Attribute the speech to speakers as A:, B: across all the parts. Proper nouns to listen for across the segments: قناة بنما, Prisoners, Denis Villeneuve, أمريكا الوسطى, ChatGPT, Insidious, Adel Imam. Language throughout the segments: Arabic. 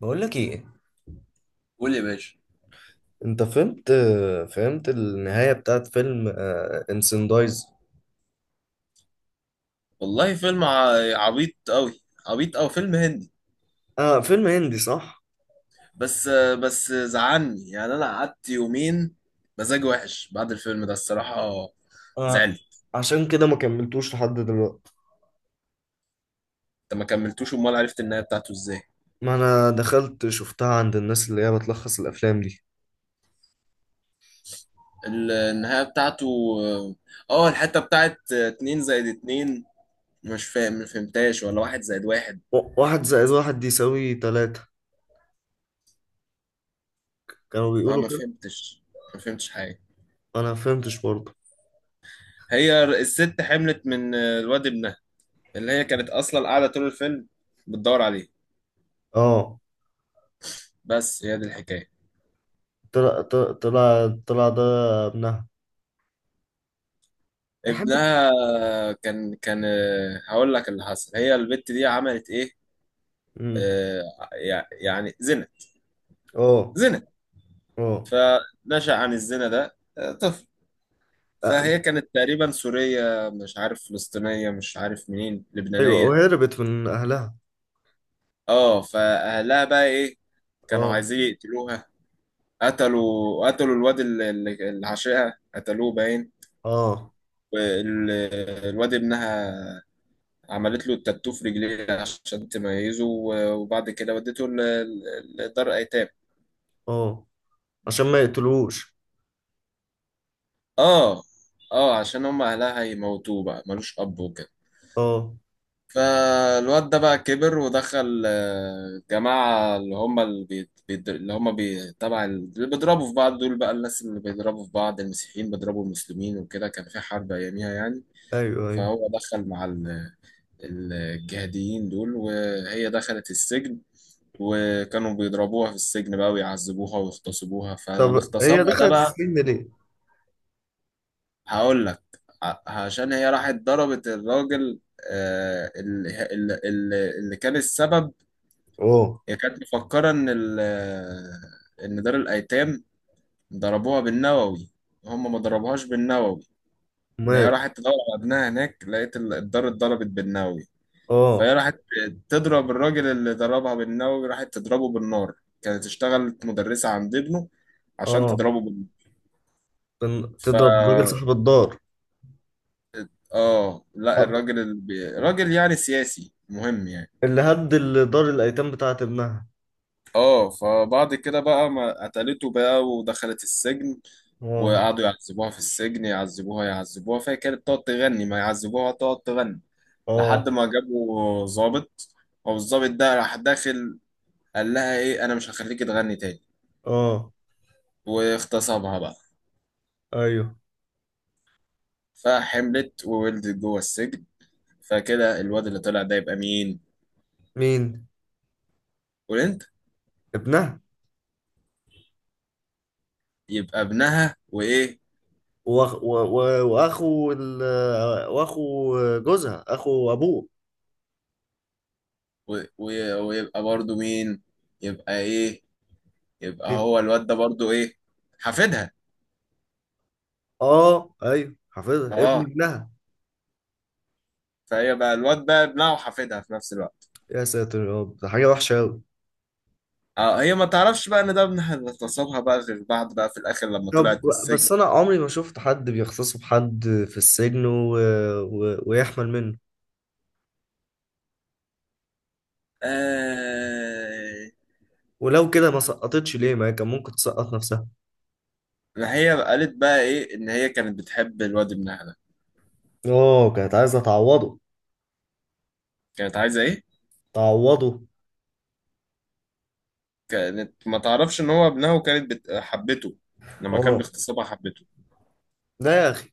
A: بقول لك ايه.
B: قول يا باشا.
A: انت فهمت النهاية بتاعت فيلم انسندايز.
B: والله فيلم عبيط قوي، عبيط او فيلم هندي.
A: اه، فيلم هندي صح.
B: بس بس زعلني يعني، انا قعدت يومين مزاج وحش بعد الفيلم ده الصراحة.
A: آه.
B: زعلني.
A: عشان كده ما كملتوش لحد دلوقتي.
B: انت ما كملتوش، امال عرفت النهاية بتاعته ازاي؟
A: ما انا دخلت شفتها عند الناس اللي هي بتلخص الافلام دي.
B: النهاية بتاعته، اه الحتة بتاعت اتنين زائد اتنين مش فاهم ما فهمتهاش، ولا واحد زائد واحد؟
A: واحد زائد واحد يساوي تلاتة، كانوا
B: اه
A: بيقولوا
B: ما
A: كده.
B: فهمتش ما فهمتش حاجة.
A: انا ما فهمتش برضه.
B: هي الست حملت من الواد ابنها، اللي هي كانت اصلا قاعدة طول الفيلم بتدور عليه.
A: اه.
B: بس هي دي الحكاية.
A: طلع طلع طلع طلع ده ابنها. حبيت.
B: ابنها. كان هقول لك اللي حصل، هي البت دي عملت ايه،
A: مم.
B: آه، يعني زنا.
A: اه،
B: زنا.
A: اه،
B: فنشأ عن الزنا ده طفل.
A: آه،
B: فهي كانت تقريبا سورية، مش عارف فلسطينية، مش عارف منين،
A: ايوه
B: لبنانية.
A: وهربت من اهلها.
B: اه، فأهلها بقى ايه؟ كانوا
A: اه،
B: عايزين يقتلوها. قتلوا الواد اللي عاشقها، قتلوه باين.
A: اه،
B: وال- الواد ابنها، عملت له التاتو في رجليه عشان تميزه، وبعد كده ودته لدار ايتام.
A: اه. عشان ما يقتلوش.
B: اه، اه، عشان هم اهلها هيموتوه بقى، ملوش اب وكده.
A: اه،
B: فالواد ده بقى كبر ودخل، جماعة اللي هم بي... تبع ال- اللي بيضربوا في بعض دول، بقى الناس اللي بيضربوا في بعض، المسيحيين بيضربوا المسلمين وكده، كان في حرب أياميها يعني.
A: ايوه، ايوه.
B: فهو دخل مع الجهاديين دول، وهي دخلت السجن، وكانوا بيضربوها في السجن بقى ويعذبوها ويغتصبوها،
A: طب
B: فالاغتصاب
A: هي
B: ده
A: دخلت
B: بقى.
A: السجن ليه؟
B: هقول لك، عشان هي راحت ضربت الراجل، آه، اللي اللي كان السبب.
A: اه.
B: هي كانت مفكرة إن إن دار الأيتام ضربوها بالنووي، هم ما ضربوهاش بالنووي. إن هي
A: مال.
B: راحت تدور على ابنها هناك لقيت الدار اتضربت بالنووي. فهي
A: اه،
B: راحت تضرب الراجل اللي ضربها بالنووي، راحت تضربه بالنار، كانت اشتغلت مدرسة عند ابنه عشان
A: اه.
B: تضربه بالنار. فا
A: تضرب الراجل صاحب الدار.
B: اه، لا
A: آه،
B: الراجل اللي راجل يعني سياسي مهم يعني.
A: اللي هد دار الايتام بتاعت ابنها.
B: اه، فبعد كده بقى ما قتلته بقى ودخلت السجن،
A: اه،
B: وقعدوا يعذبوها في السجن، يعذبوها يعذبوها، فهي كانت تقعد تغني، ما يعذبوها تقعد تغني، لحد
A: اه،
B: ما جابوا ظابط. هو الظابط ده راح داخل، قال لها ايه، انا مش هخليكي تغني تاني.
A: اه،
B: واغتصبها بقى.
A: ايوه.
B: فحملت وولدت جوه السجن. فكده الواد اللي طلع ده يبقى مين؟
A: مين؟
B: وانت.
A: ابنها.
B: يبقى ابنها وايه؟
A: وأخ... و... و... واخو ال... واخو جوزها اخو ابوه.
B: و... و... ويبقى برضو مين؟ يبقى ايه؟ يبقى
A: إيه؟
B: هو الواد ده برضو ايه؟ حفيدها.
A: اه، ايوه، حافظها ابن
B: اه،
A: ابنها.
B: فهي بقى الواد بقى ابنها وحفيدها في نفس الوقت.
A: يا ساتر يا رب، ده حاجه وحشه قوي.
B: اه، هي ما تعرفش بقى ان ده ابنها اللي اغتصبها بقى، غير بعد بقى في الاخر لما طلعت
A: طب،
B: من السجن.
A: بس انا عمري ما شفت حد بيخصصه بحد في السجن ويحمل منه.
B: آه...
A: ولو كده ما سقطتش ليه؟ ما هي كان ممكن تسقط نفسها.
B: ما هي قالت بقى ايه، ان هي كانت بتحب الواد ابنها ده.
A: اه، كانت عايزه تعوضه.
B: كانت عايزه ايه.
A: تعوضه.
B: كانت ما تعرفش ان هو ابنها، وكانت حبته، لما كان
A: اه.
B: باغتصابها حبته.
A: ده يا اخي.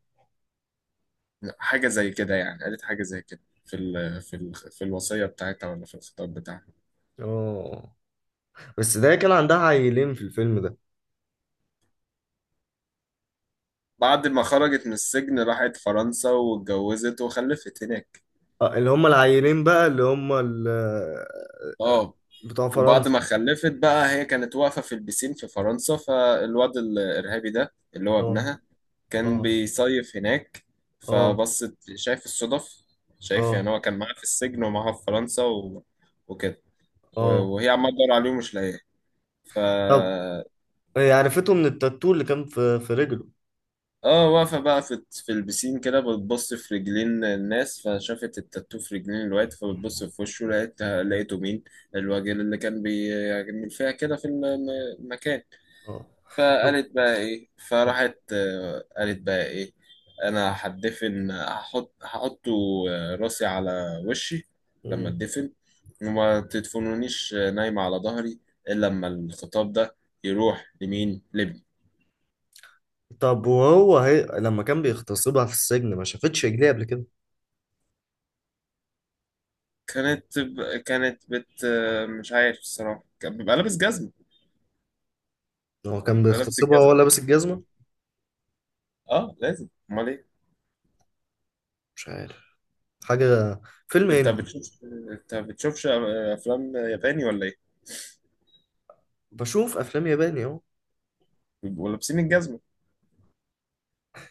B: حاجه زي كده يعني، قالت حاجه زي كده في في الوصيه بتاعتها، ولا في الخطاب بتاعها.
A: اه. بس ده كان عندها عيلين في الفيلم ده.
B: بعد ما خرجت من السجن راحت فرنسا واتجوزت وخلفت هناك.
A: آه، اللي هم العيلين بقى، اللي هم
B: اه،
A: بتوع
B: وبعد
A: فرنسا.
B: ما خلفت بقى هي كانت واقفه في البسين في فرنسا، فالواد الارهابي ده اللي هو
A: اه،
B: ابنها كان
A: اه،
B: بيصيف هناك.
A: اه،
B: فبصت، شايف الصدف، شايف
A: اه،
B: يعني، هو كان معاها في السجن ومعاها في فرنسا وكده.
A: اه.
B: وهي عمالة تدور عليه ومش لاقياه. ف
A: طب، هي عرفته من التاتو اللي كان في رجله.
B: اه، واقفة بقى في البسين كده، بتبص في رجلين الناس، فشافت التاتو في رجلين الواد، فبتبص في وشه، لقيته مين، الراجل اللي كان بيعمل فيها كده في المكان.
A: اه. طب-
B: فقالت بقى ايه، فراحت قالت بقى ايه، انا هتدفن، هحط راسي على وشي لما
A: مم.
B: اتدفن، وما تدفنونيش نايمة على ظهري، الا لما الخطاب ده يروح لمين، لابني.
A: طب، لما كان بيغتصبها في السجن ما شافتش رجليه قبل كده؟
B: كانت ب... كانت بت آه، مش عارف الصراحة، كان بيبقى لابس جزمة،
A: هو كان
B: بيبقى لابس
A: بيغتصبها وهو
B: الجزمة.
A: لابس الجزمة؟
B: اه لازم، امال ايه.
A: مش عارف. حاجة. فيلم
B: انت
A: هندي.
B: بتشوفش انت بتشوفش افلام ياباني ولا ايه،
A: بشوف أفلام ياباني أهو.
B: بيبقوا لابسين الجزمة.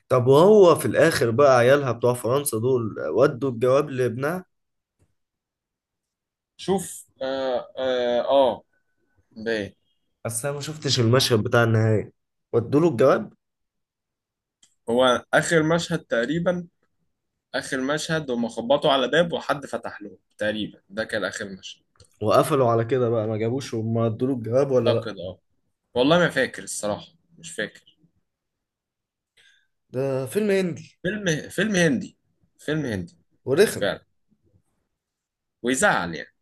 A: طب وهو في الآخر بقى عيالها بتوع فرنسا دول ودوا الجواب لابنها؟
B: شوف، اه اه، آه.
A: بس أنا ما شفتش المشهد بتاع النهاية. ودوا له الجواب؟
B: هو اخر مشهد تقريبا، اخر مشهد هم خبطوا على باب وحد فتح لهم تقريبا، ده كان اخر مشهد.
A: وقفلوا على كده بقى، ما جابوش وما ادوا له الجواب ولا لأ؟
B: اعتقد اه، والله ما فاكر الصراحه، مش فاكر.
A: ده فيلم هندي.
B: فيلم هندي، فيلم هندي
A: ورخم.
B: فعلا، ويزعل يعني.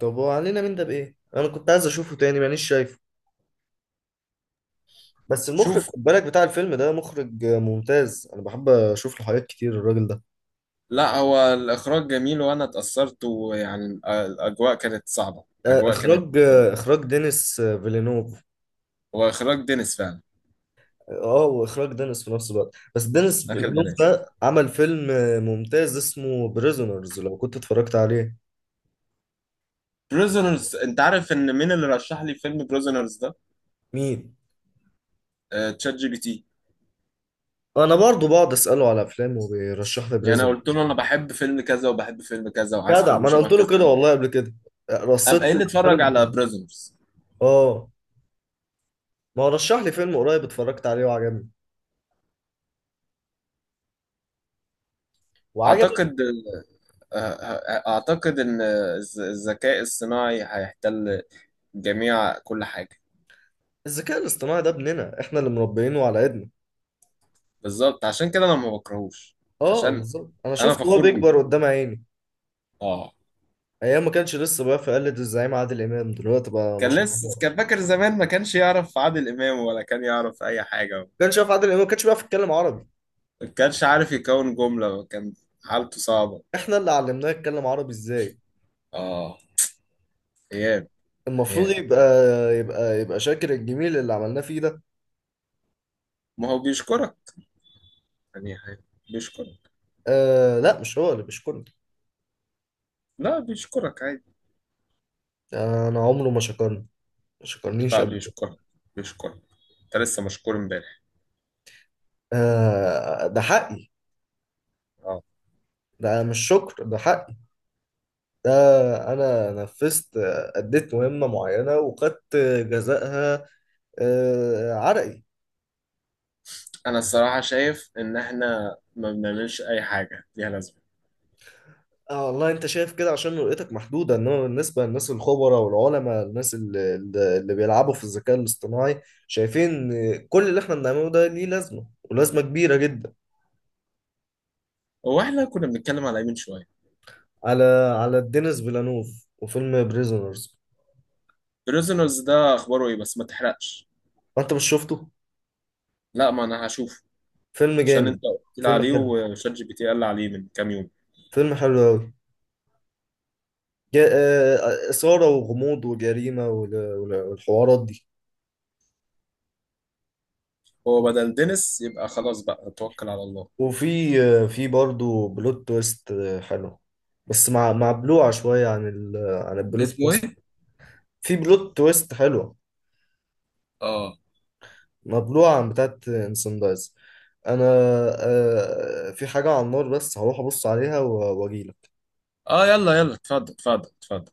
A: طب وعلينا من ده بإيه؟ أنا كنت عايز أشوفه تاني، مانيش شايفه. بس المخرج،
B: شوف،
A: خد بالك، بتاع الفيلم ده مخرج ممتاز، انا بحب اشوف له حاجات كتير الراجل ده.
B: لا هو الاخراج جميل وانا اتاثرت، ويعني الاجواء كانت صعبه،
A: آه،
B: الاجواء كانت.
A: اخراج اخراج دينيس فيلينوف.
B: هو اخراج دينيس فعلا،
A: اه، واخراج دينيس في نفس الوقت، بس دينيس
B: اخر
A: فيلينوف
B: دينيس
A: ده عمل فيلم ممتاز اسمه بريزونرز لو كنت اتفرجت عليه.
B: بريزونرز. انت عارف ان مين اللي رشح لي فيلم بريزونرز ده؟
A: مين؟
B: تشات جي بي تي.
A: انا برضو بقعد اساله على افلام وبيرشح لي
B: يعني انا قلت
A: بريزونرز.
B: له انا بحب فيلم كذا وبحب فيلم كذا، وعايز
A: جدع،
B: فيلم
A: ما انا
B: شبه
A: قلت له
B: كذا،
A: كده والله قبل كده.
B: قام
A: رصيت له
B: قايل لي
A: الأفلام
B: اتفرج على
A: اللي-
B: بريزونرز.
A: اه. ما هو رشح لي فيلم قريب اتفرجت عليه وعجبني. وعجبك.
B: اعتقد آه، آه، اعتقد ان الذكاء الصناعي هيحتل جميع كل حاجه.
A: الذكاء الاصطناعي ده ابننا احنا اللي مربيينه على ايدنا.
B: بالظبط، عشان كده انا ما بكرهوش،
A: اه،
B: عشان
A: بالظبط، انا
B: انا
A: شفت وهو
B: فخور بيه.
A: بيكبر قدام عيني.
B: اه،
A: ايام ما كانش لسه بقى في قلة الزعيم عادل امام، دلوقتي بقى ما
B: كان
A: شاء الله.
B: لسه،
A: ما
B: كان فاكر زمان ما كانش يعرف عادل امام، ولا كان يعرف اي حاجه،
A: كانش يعرف عادل امام، ما كانش بيعرف يتكلم عربي.
B: ما كانش عارف يكون جمله، كان حالته صعبه.
A: احنا اللي علمناه يتكلم عربي ازاي.
B: اه، ايام
A: المفروض
B: ايام.
A: يبقى شاكر الجميل اللي عملناه فيه ده.
B: ما هو بيشكرك، يعني هي- بيشكرك.
A: آه لا، مش هو اللي بيشكرني.
B: لا بيشكرك عادي.
A: انا عمره ما شكرني. ما شكرنيش
B: لا
A: قبل كده.
B: بيشكرك، بيشكرك، انت لسه مشكور امبارح.
A: آه، ده حقي.
B: اه.
A: ده مش شكر، ده حقي. ده انا نفذت، اديت مهمة معينة وخدت جزائها، عرقي.
B: انا الصراحه شايف ان احنا ما بنعملش اي حاجه ليها لازمه.
A: اه، والله انت شايف كده عشان رؤيتك محدوده، انما بالنسبه للناس الخبراء والعلماء، الناس اللي بيلعبوا في الذكاء الاصطناعي شايفين إن كل اللي احنا بنعمله ده ليه لازمه، ولازمه كبيره جدا.
B: هو احنا كنا بنتكلم على ايه من شويه؟
A: على على دينيس فيلانوف وفيلم بريزونرز.
B: بريزونرز ده اخباره ايه، بس ما تحرقش.
A: انت مش شفته؟
B: لا، ما انا هشوفه
A: فيلم
B: عشان انت
A: جامد.
B: قلت لي
A: فيلم
B: عليه،
A: حلو.
B: وشات جي بي تي قال لي عليه من كام يوم.
A: فيلم حلو قوي. اثاره وغموض وجريمه والحوارات دي.
B: هو بدل دينيس يبقى خلاص بقى توكل على الله.
A: وفي آه، في برضه بلوت تويست حلو، بس مع بلوعه شويه عن عن البلوت
B: اسمه
A: تويست.
B: ايه؟
A: في بلوت تويست حلوة،
B: اه
A: مبلوعة عن بتاعت سان دايز. انا، في حاجة على النار بس هروح ابص عليها واجيلك.
B: اه، يلا يلا، اتفضل اتفضل اتفضل.